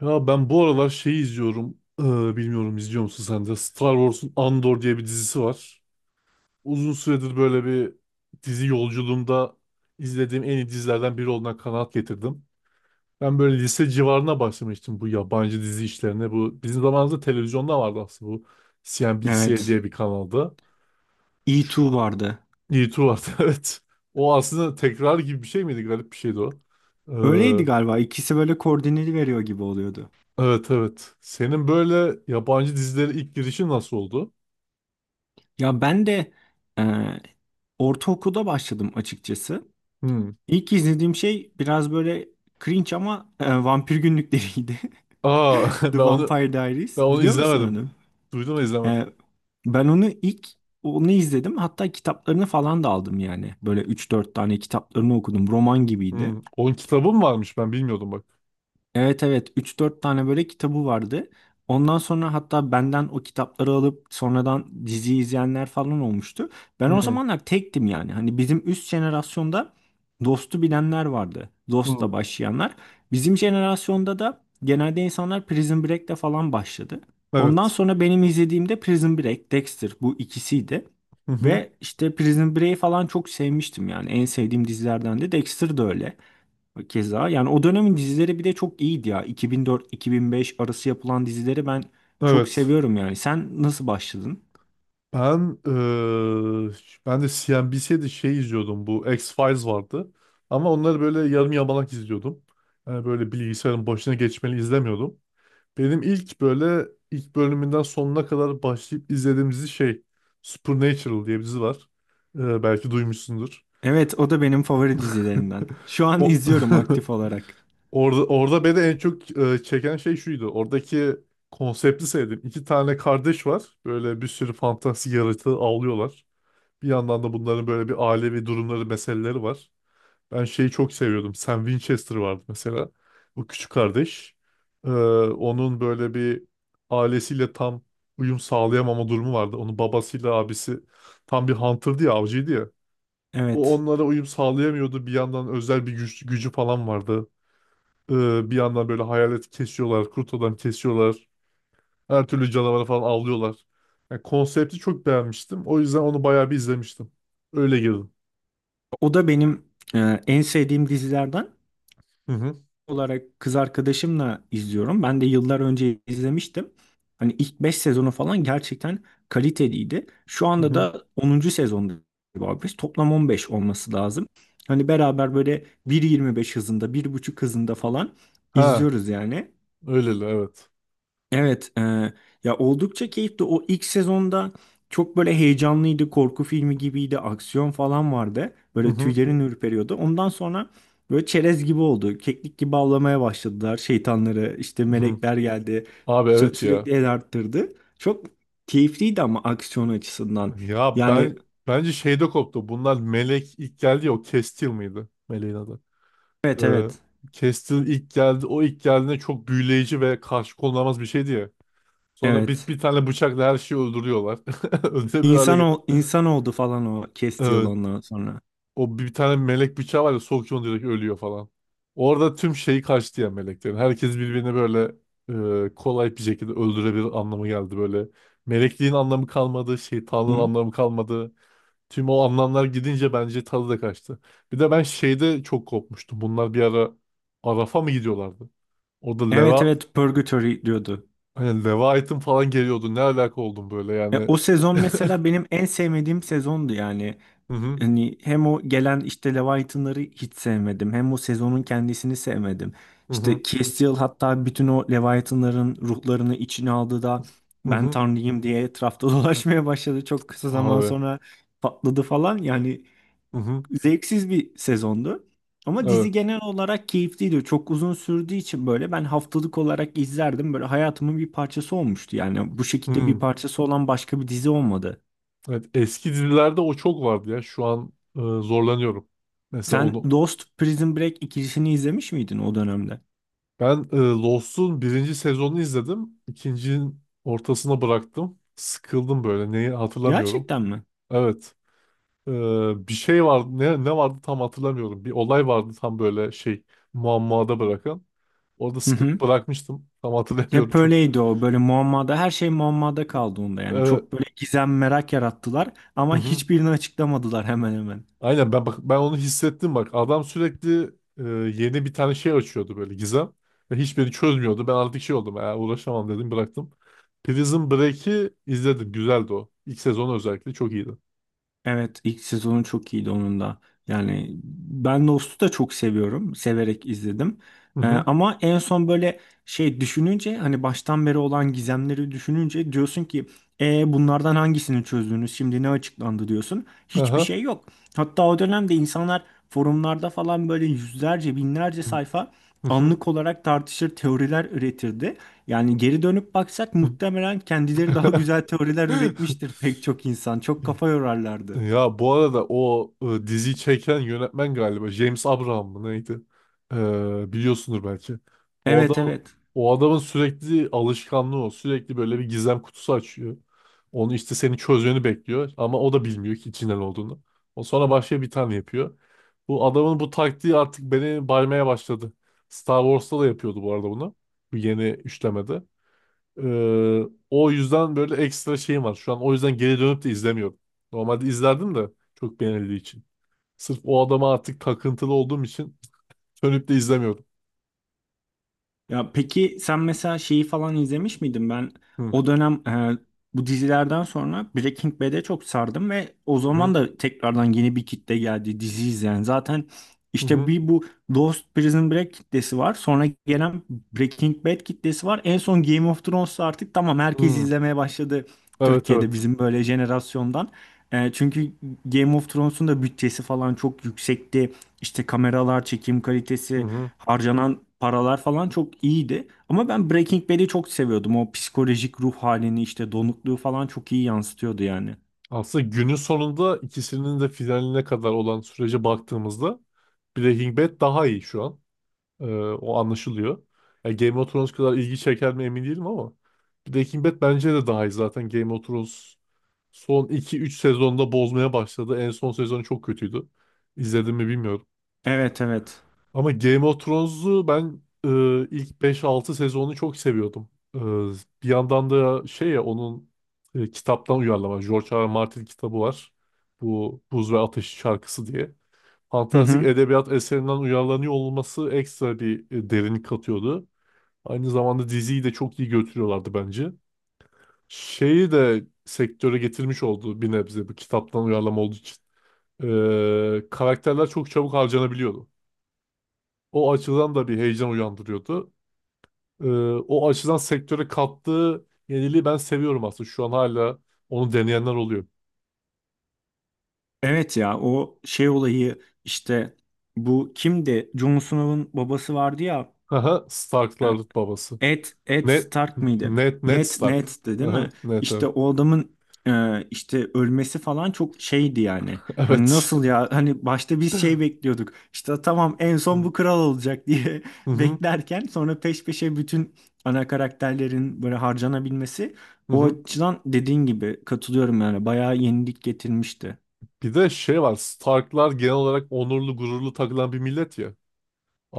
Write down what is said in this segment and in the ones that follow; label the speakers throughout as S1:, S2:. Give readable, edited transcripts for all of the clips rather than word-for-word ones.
S1: Ya ben bu aralar şeyi izliyorum. Bilmiyorum izliyor musun sen de? Star Wars'un Andor diye bir dizisi var. Uzun süredir böyle bir dizi yolculuğumda izlediğim en iyi dizilerden biri olduğuna kanaat getirdim. Ben böyle lise civarına başlamıştım bu yabancı dizi işlerine. Bu bizim zamanımızda televizyonda vardı aslında bu CNBC
S2: Evet.
S1: diye bir kanalda. Şu,
S2: E2 vardı.
S1: YouTube vardı evet. O aslında tekrar gibi bir şey miydi? Garip bir şeydi o.
S2: Öyleydi
S1: Ee,
S2: galiba. İkisi böyle koordineli veriyor gibi oluyordu.
S1: evet evet. Senin böyle yabancı dizilere ilk girişin nasıl oldu?
S2: Ya ben de e, ortaokulda başladım açıkçası.
S1: Hmm.
S2: İlk izlediğim şey biraz böyle cringe ama vampir günlükleriydi.
S1: Aa ben
S2: The
S1: onu
S2: Vampire
S1: ben
S2: Diaries.
S1: onu
S2: Biliyor musun
S1: izlemedim.
S2: onu?
S1: Duydum ama izlemedim.
S2: E, ben onu ilk onu izledim. Hatta kitaplarını falan da aldım yani. Böyle üç dört tane kitaplarını okudum. Roman gibiydi.
S1: Hmm. Onun kitabı mı varmış ben bilmiyordum bak.
S2: Evet, evet, üç dört tane böyle kitabı vardı. Ondan sonra hatta benden o kitapları alıp sonradan dizi izleyenler falan olmuştu. Ben o
S1: Hmm.
S2: zamanlar tektim yani. Hani bizim üst jenerasyonda Dost'u bilenler vardı.
S1: Hmm.
S2: Dost'la başlayanlar. Bizim jenerasyonda da genelde insanlar Prison Break'le falan başladı. Ondan
S1: Evet.
S2: sonra benim izlediğimde Prison Break, Dexter, bu ikisiydi.
S1: Hı hı.
S2: Ve işte Prison Break'i falan çok sevmiştim yani. En sevdiğim dizilerden de Dexter de öyle. Keza yani o dönemin dizileri bir de çok iyiydi ya. 2004-2005 arası yapılan dizileri ben çok
S1: Evet.
S2: seviyorum yani. Sen nasıl başladın?
S1: Ben ben de CNBC'de şey izliyordum. Bu X-Files vardı. Ama onları böyle yarım yamalak izliyordum. Yani böyle bilgisayarın başına geçmeli izlemiyordum. Benim ilk böyle ilk bölümünden sonuna kadar başlayıp izlediğim dizi şey Supernatural diye bir dizi var. Belki duymuşsundur.
S2: Evet, o da benim favori dizilerimden. Şu an
S1: O
S2: izliyorum aktif olarak.
S1: Orada beni en çok çeken şey şuydu. Oradaki konsepti sevdim. İki tane kardeş var. Böyle bir sürü fantastik yaratığı avlıyorlar. Bir yandan da bunların böyle bir ailevi durumları, meseleleri var. Ben şeyi çok seviyordum. Sam Winchester vardı mesela. Bu küçük kardeş. Ee, onun böyle bir ailesiyle tam uyum sağlayamama durumu vardı. Onun babasıyla abisi tam bir hunter'dı ya, avcıydı ya. O
S2: Evet.
S1: onlara uyum sağlayamıyordu. Bir yandan özel bir gücü falan vardı. Bir yandan böyle hayalet kesiyorlar, kurt adam kesiyorlar. Her türlü canavarı falan avlıyorlar. Yani konsepti çok beğenmiştim. O yüzden onu bayağı bir izlemiştim. Öyle girdim.
S2: O da benim en sevdiğim dizilerden.
S1: Hı hı.
S2: Olarak kız arkadaşımla izliyorum. Ben de yıllar önce izlemiştim. Hani ilk 5 sezonu falan gerçekten kaliteliydi. Şu
S1: Hı
S2: anda
S1: hı.
S2: da onuncu sezonda galiba biz. Toplam 15 olması lazım. Hani beraber böyle 1.25 hızında, 1,5 hızında falan
S1: Ha,
S2: izliyoruz yani.
S1: öyleli evet.
S2: Evet, ya oldukça keyifli. O ilk sezonda çok böyle heyecanlıydı, korku filmi gibiydi, aksiyon falan vardı.
S1: Hı
S2: Böyle
S1: hı.
S2: tüylerin ürperiyordu. Ondan sonra böyle çerez gibi oldu. Keklik gibi avlamaya başladılar şeytanları. İşte
S1: Hı hı.
S2: melekler geldi.
S1: Abi evet ya.
S2: Sürekli el arttırdı. Çok keyifliydi ama aksiyon açısından.
S1: Ya
S2: Yani
S1: ben bence şeyde koptu. Bunlar Melek ilk geldi ya o Kestil miydi? Meleğin adı.
S2: evet, evet,
S1: Ee, Kestil ilk geldi. O ilk geldiğinde çok büyüleyici ve karşı konulamaz bir şeydi ya. Sonra
S2: evet.
S1: bir tane bıçakla her şeyi öldürüyorlar. Öldürebilir hale
S2: İnsan oldu falan o Castiel
S1: geldi.
S2: ondan sonra.
S1: O bir tane melek bıçağı var ya sokuyor direkt ölüyor falan. Orada tüm şeyi kaçtı ya meleklerin. Herkes birbirini böyle kolay bir şekilde öldürebilir anlamı geldi böyle. Melekliğin anlamı kalmadı, şeytanlığın
S2: Hı?
S1: anlamı kalmadı. Tüm o anlamlar gidince bence tadı da kaçtı. Bir de ben şeyde çok kopmuştum. Bunlar bir ara Araf'a mı gidiyorlardı? Orada
S2: Evet,
S1: Leva
S2: evet, Purgatory diyordu.
S1: hani Leviathan falan geliyordu. Ne alaka oldum böyle
S2: Ya
S1: yani.
S2: o sezon mesela benim en sevmediğim sezondu yani.
S1: Hı hı
S2: Hani hem o gelen işte Leviathan'ları hiç sevmedim. Hem o sezonun kendisini sevmedim.
S1: hı hı
S2: İşte Castiel hatta bütün o Leviathan'ların ruhlarını içine aldı da
S1: hı
S2: ben
S1: hı.
S2: tanrıyım diye etrafta dolaşmaya başladı. Çok kısa zaman
S1: Abi.
S2: sonra patladı falan. Yani
S1: Hı hı.
S2: zevksiz bir sezondu. Ama
S1: Evet.
S2: dizi genel olarak keyifliydi. Çok uzun sürdüğü için böyle ben haftalık olarak izlerdim. Böyle hayatımın bir parçası olmuştu. Yani bu şekilde bir
S1: Hı.
S2: parçası olan başka bir dizi olmadı.
S1: Evet, eski dizilerde o çok vardı ya. Şu an zorlanıyorum. Mesela
S2: Sen
S1: onu
S2: Lost, Prison Break ikilisini izlemiş miydin o dönemde?
S1: ben Lost'un birinci sezonunu izledim. İkincinin ortasına bıraktım. Sıkıldım böyle. Neyi hatırlamıyorum.
S2: Gerçekten mi?
S1: Evet. E, bir şey vardı. Ne vardı tam hatırlamıyorum. Bir olay vardı tam böyle şey muammada bırakan. Orada
S2: Hı hı.
S1: sıkılıp bırakmıştım. Tam hatırlamıyorum
S2: Hep
S1: çok.
S2: öyleydi o, böyle muammada, her şey muammada kaldı onda yani,
S1: Evet.
S2: çok böyle gizem, merak yarattılar ama hiçbirini açıklamadılar hemen hemen.
S1: Aynen ben bak ben onu hissettim bak. Adam sürekli e, yeni bir tane şey açıyordu böyle gizem ve hiçbirini çözmüyordu. Ben artık şey oldum. Uğraşamam dedim bıraktım. Prison Break'i izledim. Güzeldi o. İlk sezonu özellikle çok iyiydi.
S2: Evet, ilk sezonu çok iyiydi onun da. Yani ben Lost'u da çok seviyorum. Severek izledim.
S1: Hı hı.
S2: Ama en son böyle şey düşününce, hani baştan beri olan gizemleri düşününce diyorsun ki bunlardan hangisini çözdünüz? Şimdi ne açıklandı diyorsun. Hiçbir
S1: Aha.
S2: şey yok. Hatta o dönemde insanlar forumlarda falan böyle yüzlerce binlerce
S1: Hı
S2: sayfa
S1: hı.
S2: anlık olarak tartışır, teoriler üretirdi. Yani geri dönüp baksak muhtemelen kendileri daha güzel teoriler
S1: hı.
S2: üretmiştir pek çok insan. Çok kafa yorarlardı.
S1: Ya bu arada o diziyi çeken yönetmen galiba James Abraham mı neydi? Biliyorsundur belki. O
S2: Evet,
S1: adam
S2: evet.
S1: o adamın sürekli alışkanlığı o. Sürekli böyle bir gizem kutusu açıyor. Onu işte seni çözmeni bekliyor ama o da bilmiyor ki içinden olduğunu. O sonra başka bir tane yapıyor. Bu adamın bu taktiği artık beni baymaya başladı. Star Wars'ta da yapıyordu bu arada bunu. Bu yeni üçlemede. Ee, o yüzden böyle ekstra şeyim var. Şu an o yüzden geri dönüp de izlemiyorum. Normalde izlerdim de çok beğenildiği için. Sırf o adama artık takıntılı olduğum için dönüp de izlemiyorum.
S2: Ya peki sen mesela şeyi falan izlemiş miydin? Ben
S1: Hı
S2: o dönem bu dizilerden sonra Breaking Bad'e çok sardım ve o
S1: hı hı
S2: zaman da tekrardan yeni bir kitle geldi dizi izleyen. Zaten işte
S1: hı.
S2: bir bu Lost, Prison Break kitlesi var. Sonra gelen Breaking Bad kitlesi var. En son Game of Thrones'ta artık tamam
S1: hı,
S2: herkes
S1: hı.
S2: izlemeye başladı
S1: Evet
S2: Türkiye'de
S1: evet.
S2: bizim böyle jenerasyondan. Çünkü Game of Thrones'un da bütçesi falan çok yüksekti. İşte kameralar, çekim
S1: Hı
S2: kalitesi,
S1: hı.
S2: harcanan paralar falan çok iyiydi. Ama ben Breaking Bad'i çok seviyordum. O psikolojik ruh halini işte donukluğu falan çok iyi yansıtıyordu yani.
S1: Aslında günün sonunda ikisinin de finaline kadar olan sürece baktığımızda Breaking Bad daha iyi şu an. O anlaşılıyor. Yani Game of Thrones kadar ilgi çeker mi emin değilim ama Breaking Bad bence de daha iyi zaten. Game of Thrones son iki üç sezonda bozmaya başladı. En son sezonu çok kötüydü. İzledim mi bilmiyorum.
S2: Evet, evet.
S1: Ama Game of Thrones'u ben ilk beş altı sezonunu çok seviyordum. E, bir yandan da şey ya onun kitaptan uyarlama. George R. R. Martin kitabı var. Bu Buz ve Ateş şarkısı diye
S2: Hı
S1: fantastik
S2: hı.
S1: edebiyat eserinden uyarlanıyor olması ekstra bir derinlik katıyordu. Aynı zamanda diziyi de çok iyi götürüyorlardı bence. Şeyi de sektöre getirmiş oldu bir nebze bu kitaptan uyarlama olduğu için. Karakterler çok çabuk harcanabiliyordu. O açıdan da bir heyecan uyandırıyordu. Ee, o açıdan sektöre kattığı yeniliği ben seviyorum aslında. Şu an hala onu deneyenler oluyor.
S2: Evet ya, o şey olayı işte, bu kimdi? Jon Snow'un babası vardı ya.
S1: Aha, Starklar babası.
S2: Ed
S1: Ned,
S2: Stark mıydı?
S1: Ned
S2: Ned,
S1: Stark.
S2: Ned'di değil mi?
S1: Aha, Ned
S2: İşte
S1: evet.
S2: o adamın işte ölmesi falan çok şeydi yani. Hani nasıl ya? Hani başta biz şey bekliyorduk. İşte tamam en son
S1: Evet.
S2: bu kral olacak diye
S1: Hı hı,
S2: beklerken sonra peş peşe bütün ana karakterlerin böyle harcanabilmesi,
S1: hı
S2: o
S1: hı.
S2: açıdan dediğin gibi katılıyorum yani. Bayağı yenilik getirmişti.
S1: Bir de şey var. Starklar genel olarak onurlu, gururlu takılan bir millet ya.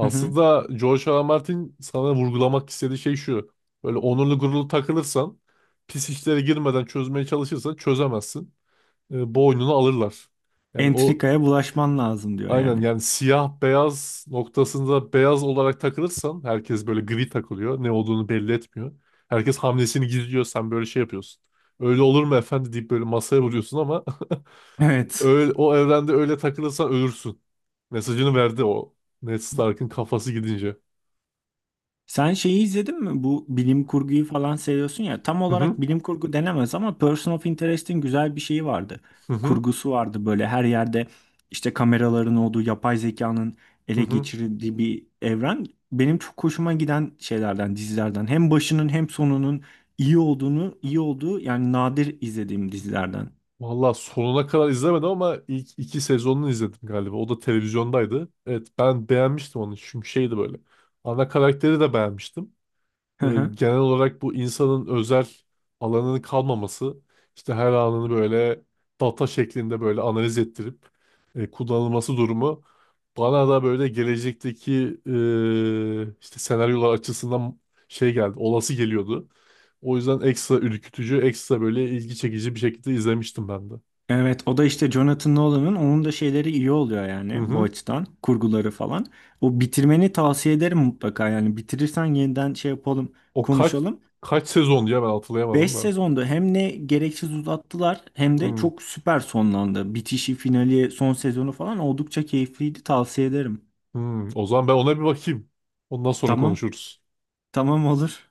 S2: Hı hı.
S1: George R. R. Martin sana vurgulamak istediği şey şu. Böyle onurlu, gururlu takılırsan, pis işlere girmeden çözmeye çalışırsan çözemezsin. Boynunu alırlar. Yani o
S2: Entrikaya bulaşman lazım diyor
S1: aynen
S2: yani.
S1: yani siyah beyaz noktasında beyaz olarak takılırsan herkes böyle gri takılıyor. Ne olduğunu belli etmiyor. Herkes hamlesini gizliyor. Sen böyle şey yapıyorsun. Öyle olur mu efendi deyip böyle masaya vuruyorsun ama
S2: Evet.
S1: Öyle, o evrende öyle takılırsan ölürsün. Mesajını verdi o. Ned Stark'ın kafası gidince.
S2: Sen şeyi izledin mi? Bu bilim kurguyu falan seviyorsun ya. Tam
S1: Hı
S2: olarak
S1: hı
S2: bilim kurgu denemez ama Person of Interest'in güzel bir şeyi vardı.
S1: hı hı
S2: Kurgusu vardı, böyle her yerde işte kameraların olduğu, yapay zekanın
S1: hı.
S2: ele
S1: hı.
S2: geçirdiği bir evren. Benim çok hoşuma giden şeylerden, dizilerden. Hem başının hem sonunun iyi olduğunu, iyi olduğu yani nadir izlediğim dizilerden.
S1: Valla sonuna kadar izlemedim ama ilk iki sezonunu izledim galiba. O da televizyondaydı. Evet ben beğenmiştim onu çünkü şeydi böyle. Ana karakteri de beğenmiştim. E, genel olarak bu insanın özel alanının kalmaması işte her anını böyle data şeklinde böyle analiz ettirip kullanılması durumu bana da böyle gelecekteki işte senaryolar açısından şey geldi olası geliyordu. O yüzden ekstra ürkütücü, ekstra böyle ilgi çekici bir şekilde izlemiştim ben de.
S2: Evet, o da işte Jonathan Nolan'ın, onun da şeyleri iyi oluyor
S1: Hı
S2: yani bu
S1: hı.
S2: açıdan, kurguları falan. O bitirmeni tavsiye ederim mutlaka yani, bitirirsen yeniden şey yapalım,
S1: O kaç
S2: konuşalım.
S1: kaç sezon diye ben
S2: 5
S1: hatırlayamadım da.
S2: sezonda hem ne gereksiz uzattılar hem de
S1: Hı,
S2: çok süper sonlandı. Bitişi, finali, son sezonu falan oldukça keyifliydi, tavsiye ederim.
S1: hı. O zaman ben ona bir bakayım. Ondan sonra
S2: Tamam,
S1: konuşuruz.
S2: tamam, olur.